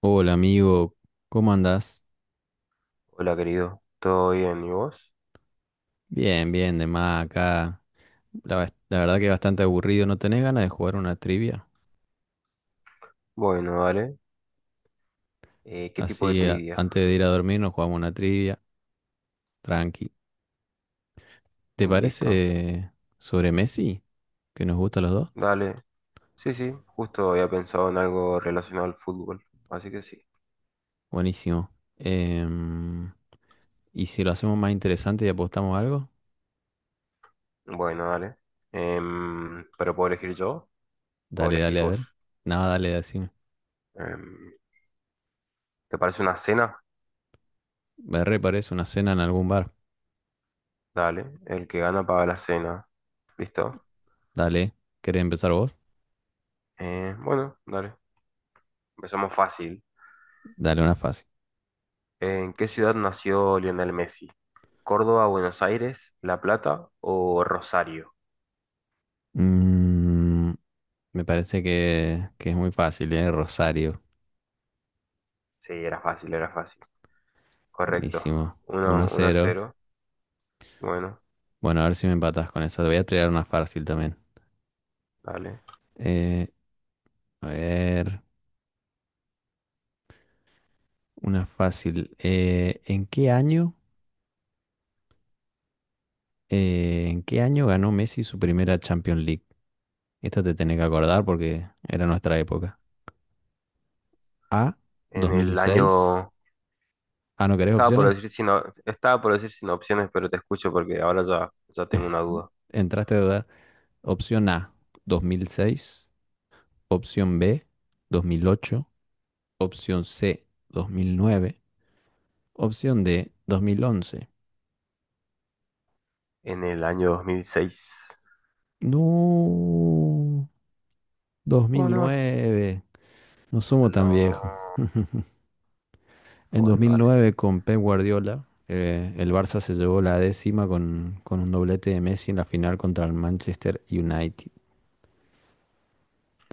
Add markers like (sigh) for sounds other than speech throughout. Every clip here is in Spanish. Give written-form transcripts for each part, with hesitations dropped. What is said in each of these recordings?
Hola amigo, ¿cómo andás? Hola, querido. ¿Todo bien? ¿Y vos? Bien, bien, de más acá. La verdad que bastante aburrido. ¿No tenés ganas de jugar una trivia? Bueno, dale. ¿Qué tipo de Así, trivia? antes de ir a dormir nos jugamos una trivia. Tranqui. ¿Te Listo. parece sobre Messi? Que nos gusta a los dos. Dale. Sí, sí. Justo había pensado en algo relacionado al fútbol. Así que sí. Buenísimo. Em, ¿y si lo hacemos más interesante y apostamos algo? Bueno, dale. ¿Pero puedo elegir yo o Dale, elegís dale, a vos? ver. Nada, dale, decime. Em, ¿Te parece una cena? Me re parece una cena en algún bar. Dale. El que gana paga la cena. ¿Listo? Dale. ¿Querés empezar vos? Bueno, dale. Empezamos fácil. Dale una fácil. ¿En qué ciudad nació Lionel Messi? ¿Córdoba, Buenos Aires, La Plata o Rosario? Mm, Me parece que es muy fácil, ¿eh? Rosario. Sí, era fácil, era fácil. Correcto. Buenísimo. uno, uno a 1-0. cero, Bueno, Bueno, a ver si me empatás con eso. Te voy a tirar una fácil también. dale. Eh, a ver, una fácil. ¿En qué año ganó Messi su primera Champions League? Esta te tenés que acordar porque era nuestra época. A, En el 2006. año... Ah, ¿no querés opciones? Estaba por decir sin opciones, pero te escucho porque ahora ya tengo una duda. Entraste a dudar. Opción A, 2006. Opción B, 2008. Opción C, 2009. Opción D, 2011. En el año 2006. No, ¿Cómo no? 2009. No somos tan viejos. No. (laughs) En Bueno, dale. 2009 con Pep Guardiola, el Barça se llevó la décima con un doblete de Messi en la final contra el Manchester United.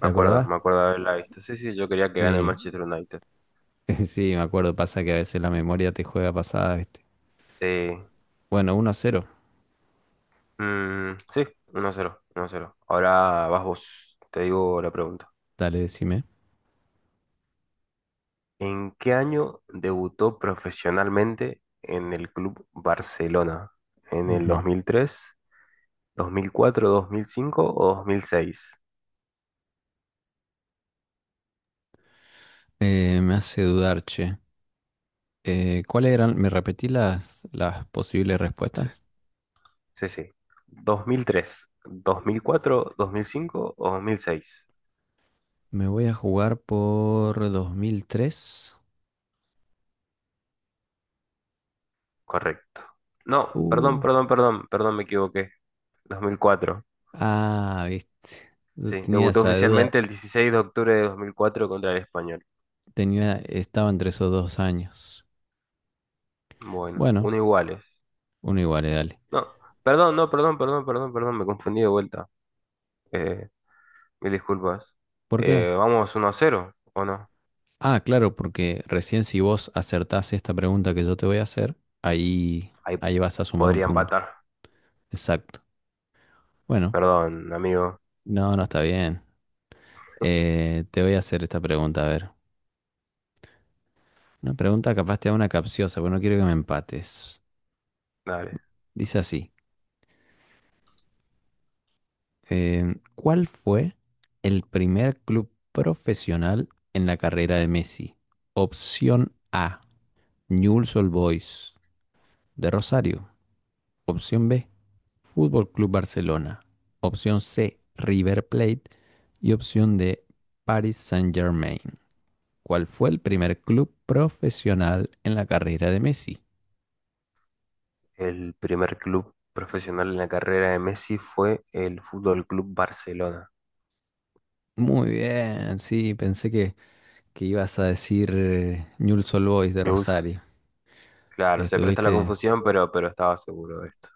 Acordás? Me acuerdo de haberla visto. Sí, sí, yo quería que gane el Sí, Manchester United. (laughs) sí, me acuerdo. Pasa que a veces la memoria te juega pasada, ¿viste? Sí. Bueno, 1-0. Mm, sí, 1-0, 1-0. Ahora vas vos. Te digo la pregunta. Dale, decime. ¿En qué año debutó profesionalmente en el Club Barcelona? ¿En el Ujú. 2003, 2004, 2005 o 2006? Me hace dudar, che. ¿Cuáles eran? ¿Me repetí las posibles Sí, respuestas? sí. Sí. 2003, 2004, 2005 o 2006. Me voy a jugar por 2003. Correcto. No, perdón, Uh, perdón, perdón, perdón, me equivoqué. 2004. ah, viste. Yo Sí, tenía debutó esa duda. oficialmente el 16 de octubre de 2004 contra el Español. Estaba entre esos dos años. Bueno, Bueno, uno iguales. uno igual, dale. No, perdón, no, perdón, perdón, perdón, perdón, me confundí de vuelta. Eh, Mil disculpas. ¿Por qué? Vamos 1-0, ¿o no? Ah, claro, porque recién si vos acertás esta pregunta que yo te voy a hacer, ahí, Ahí ahí vas a sumar un podría punto. empatar. Exacto. Bueno, Perdón, amigo. no, no está bien. Te voy a hacer esta pregunta, a ver. Una pregunta capaz te da una capciosa, pero no quiero que me empates. Dale. Dice así. ¿Cuál fue el primer club profesional en la carrera de Messi? Opción A, Newell's Old Boys de Rosario. Opción B, Fútbol Club Barcelona. Opción C, River Plate. Y opción D, Paris Saint-Germain. ¿Cuál fue el primer club profesional en la carrera de Messi? El primer club profesional en la carrera de Messi fue el Fútbol Club Barcelona. Muy bien, sí, pensé que ibas a decir Newell's Old Boys de Jules. Rosario. Claro, se presta la Estuviste confusión, pero estaba seguro de esto.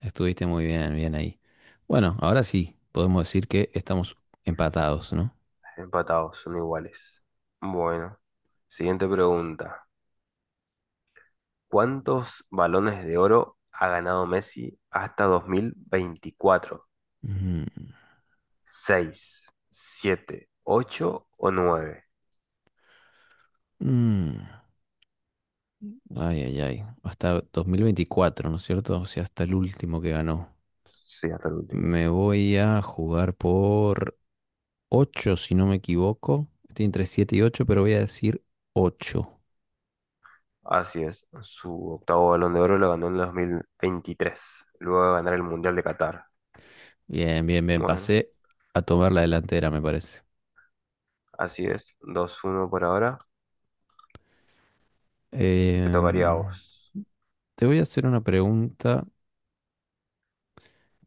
Estuviste muy bien, bien ahí. Bueno, ahora sí, podemos decir que estamos empatados, ¿no? Empatados, son iguales. Bueno, siguiente pregunta. ¿Cuántos balones de oro ha ganado Messi hasta 2024? Mm, ¿Seis, siete, 8 o nueve? mm, Ay, ay, ay. Hasta 2024, ¿no es cierto? O sea, hasta el último que ganó. Sí, hasta el último. Me voy a jugar por 8, si no me equivoco. Estoy entre 7 y 8, pero voy a decir ocho. Así es. Su octavo Balón de Oro lo ganó en el 2023, luego de ganar el Mundial de Qatar. Bien, bien, bien. Bueno, Pasé a tomar la delantera, me parece. así es. 2-1 por ahora. Te tocaría a vos. Em, te voy a hacer una pregunta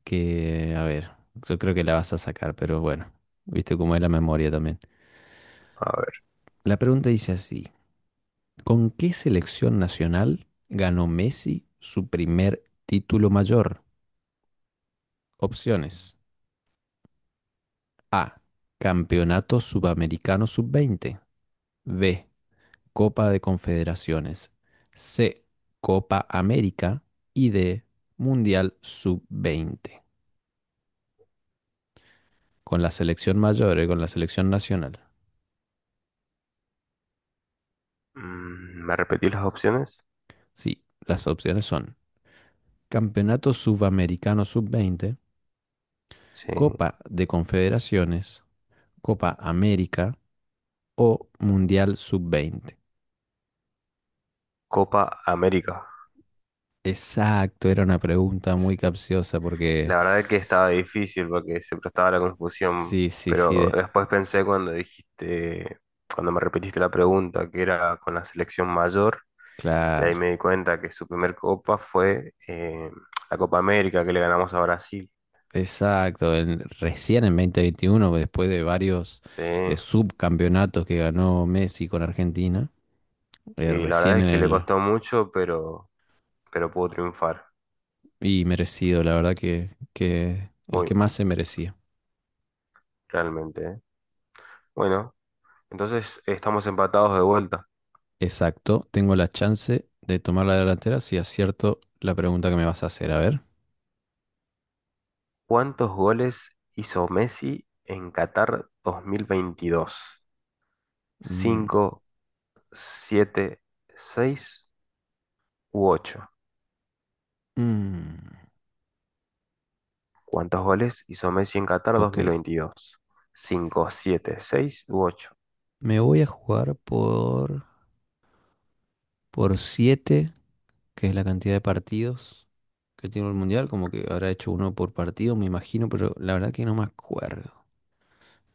que, a ver, yo creo que la vas a sacar, pero bueno, viste cómo es la memoria también. A ver. La pregunta dice así, ¿con qué selección nacional ganó Messi su primer título mayor? Opciones. A. Campeonato Sudamericano Sub-20. B. Copa de Confederaciones. C. Copa América. Y D. Mundial Sub-20. Con la selección mayor y con la selección nacional. ¿Me repetís las opciones? Sí, las opciones son... Campeonato Sudamericano Sub-20, Sí. Copa de Confederaciones, Copa América o Mundial Sub-20. Copa América. Exacto, era una pregunta muy capciosa porque La verdad es que estaba difícil porque se prestaba a la confusión, sí, sí, sí, pero después pensé cuando dijiste, cuando me repetiste la pregunta, que era con la selección mayor. Y ahí claro, me di cuenta que su primer copa fue la Copa América que le ganamos a Brasil. exacto. Recién en 2021, después de varios Sí. Subcampeonatos que ganó Messi con Argentina, Y la verdad recién es en que le el... costó mucho, pero pudo triunfar. Y merecido, la verdad que el Muy, que más se merecía. realmente. ¿Eh? Bueno, entonces estamos empatados de vuelta. Exacto, tengo la chance de tomar la delantera si acierto la pregunta que me vas a hacer. A ver. ¿Cuántos goles hizo Messi en Qatar 2022? Mm, ¿Cinco, siete, seis u ocho? mm, ¿Cuántos goles hizo Messi en Qatar dos ok, mil veintidós? ¿Cinco, siete, seis u ocho? me voy a jugar por 7, que es la cantidad de partidos que tiene el Mundial. Como que habrá hecho uno por partido, me imagino, pero la verdad que no me acuerdo.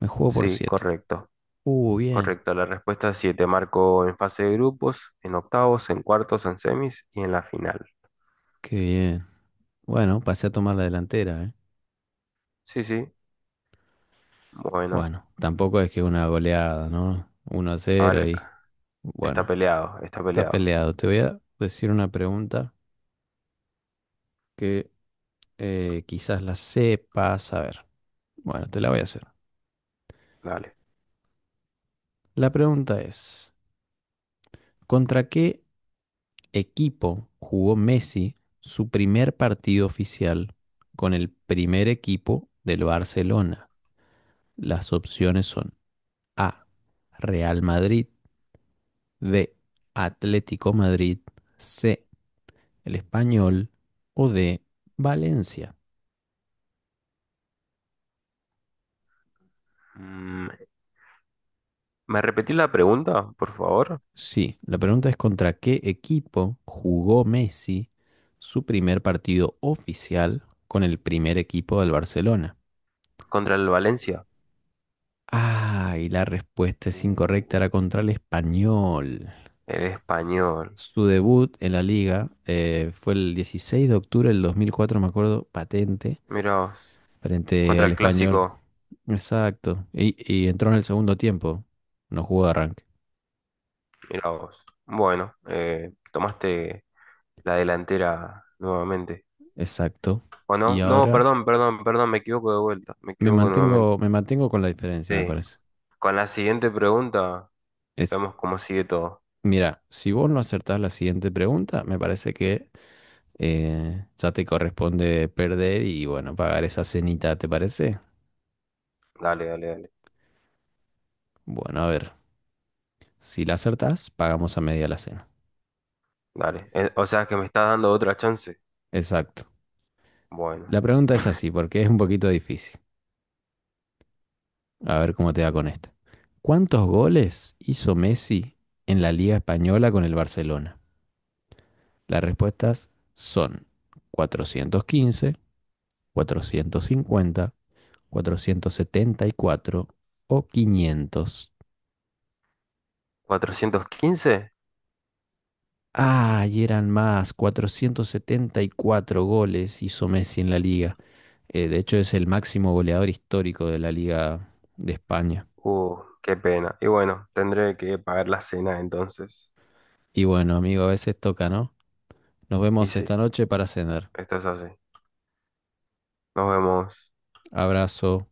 Me juego por Sí, 7. correcto. Bien, Correcto, la respuesta es sí, te marcó en fase de grupos, en octavos, en cuartos, en semis y en la final. qué bien. Bueno, pasé a tomar la delantera, ¿eh? Sí, sí, bueno, Bueno, tampoco es que una goleada, ¿no? Uno a a cero ver, y está bueno. peleado, está Está peleado. peleado. Te voy a decir una pregunta que quizás la sepas. A ver, bueno, te la voy a hacer. Dale. La pregunta es, ¿contra qué equipo jugó Messi su primer partido oficial con el primer equipo del Barcelona? Las opciones son A, Real Madrid, B, Atlético Madrid, C, el Español o D, Valencia. Mm, ¿Me repetí la pregunta, por favor? Sí, la pregunta es contra qué equipo jugó Messi su primer partido oficial con el primer equipo del Barcelona. Contra el Valencia. Ah, y la respuesta es Uh, incorrecta, era contra el Español. el español. Su debut en la liga fue el 16 de octubre de 2004, me acuerdo, patente, Mira vos. frente Contra al el Español. clásico. Exacto. Y entró en el segundo tiempo, no jugó de arranque. Mira vos. Bueno, tomaste la delantera nuevamente. Exacto. O Y no, no, ahora perdón, perdón, perdón, me equivoco de vuelta, me me equivoco nuevamente. mantengo, me mantengo con la diferencia, me Sí. parece. Con la siguiente pregunta, vemos cómo sigue todo. Mira, si vos no acertás la siguiente pregunta, me parece que ya te corresponde perder y bueno, pagar esa cenita, ¿te parece? Dale, dale, dale. Bueno, a ver, si la acertás, pagamos a media la cena. Dale. O sea que me estás dando otra chance. Exacto. Bueno, La pregunta es así, porque es un poquito difícil. A ver cómo te va con esta. ¿Cuántos goles hizo Messi en la Liga Española con el Barcelona? Las respuestas son cuatrocientos cuatrocientos 415, 50, 474 o 500. 415. Ah, y eran más, 474 goles hizo Messi en la liga. De hecho, es el máximo goleador histórico de la liga de España. Qué pena. Y bueno, tendré que pagar la cena entonces. Y bueno, amigo, a veces toca, ¿no? Nos Y vemos sí, esta noche para cenar. esto es así. Nos vemos. Abrazo.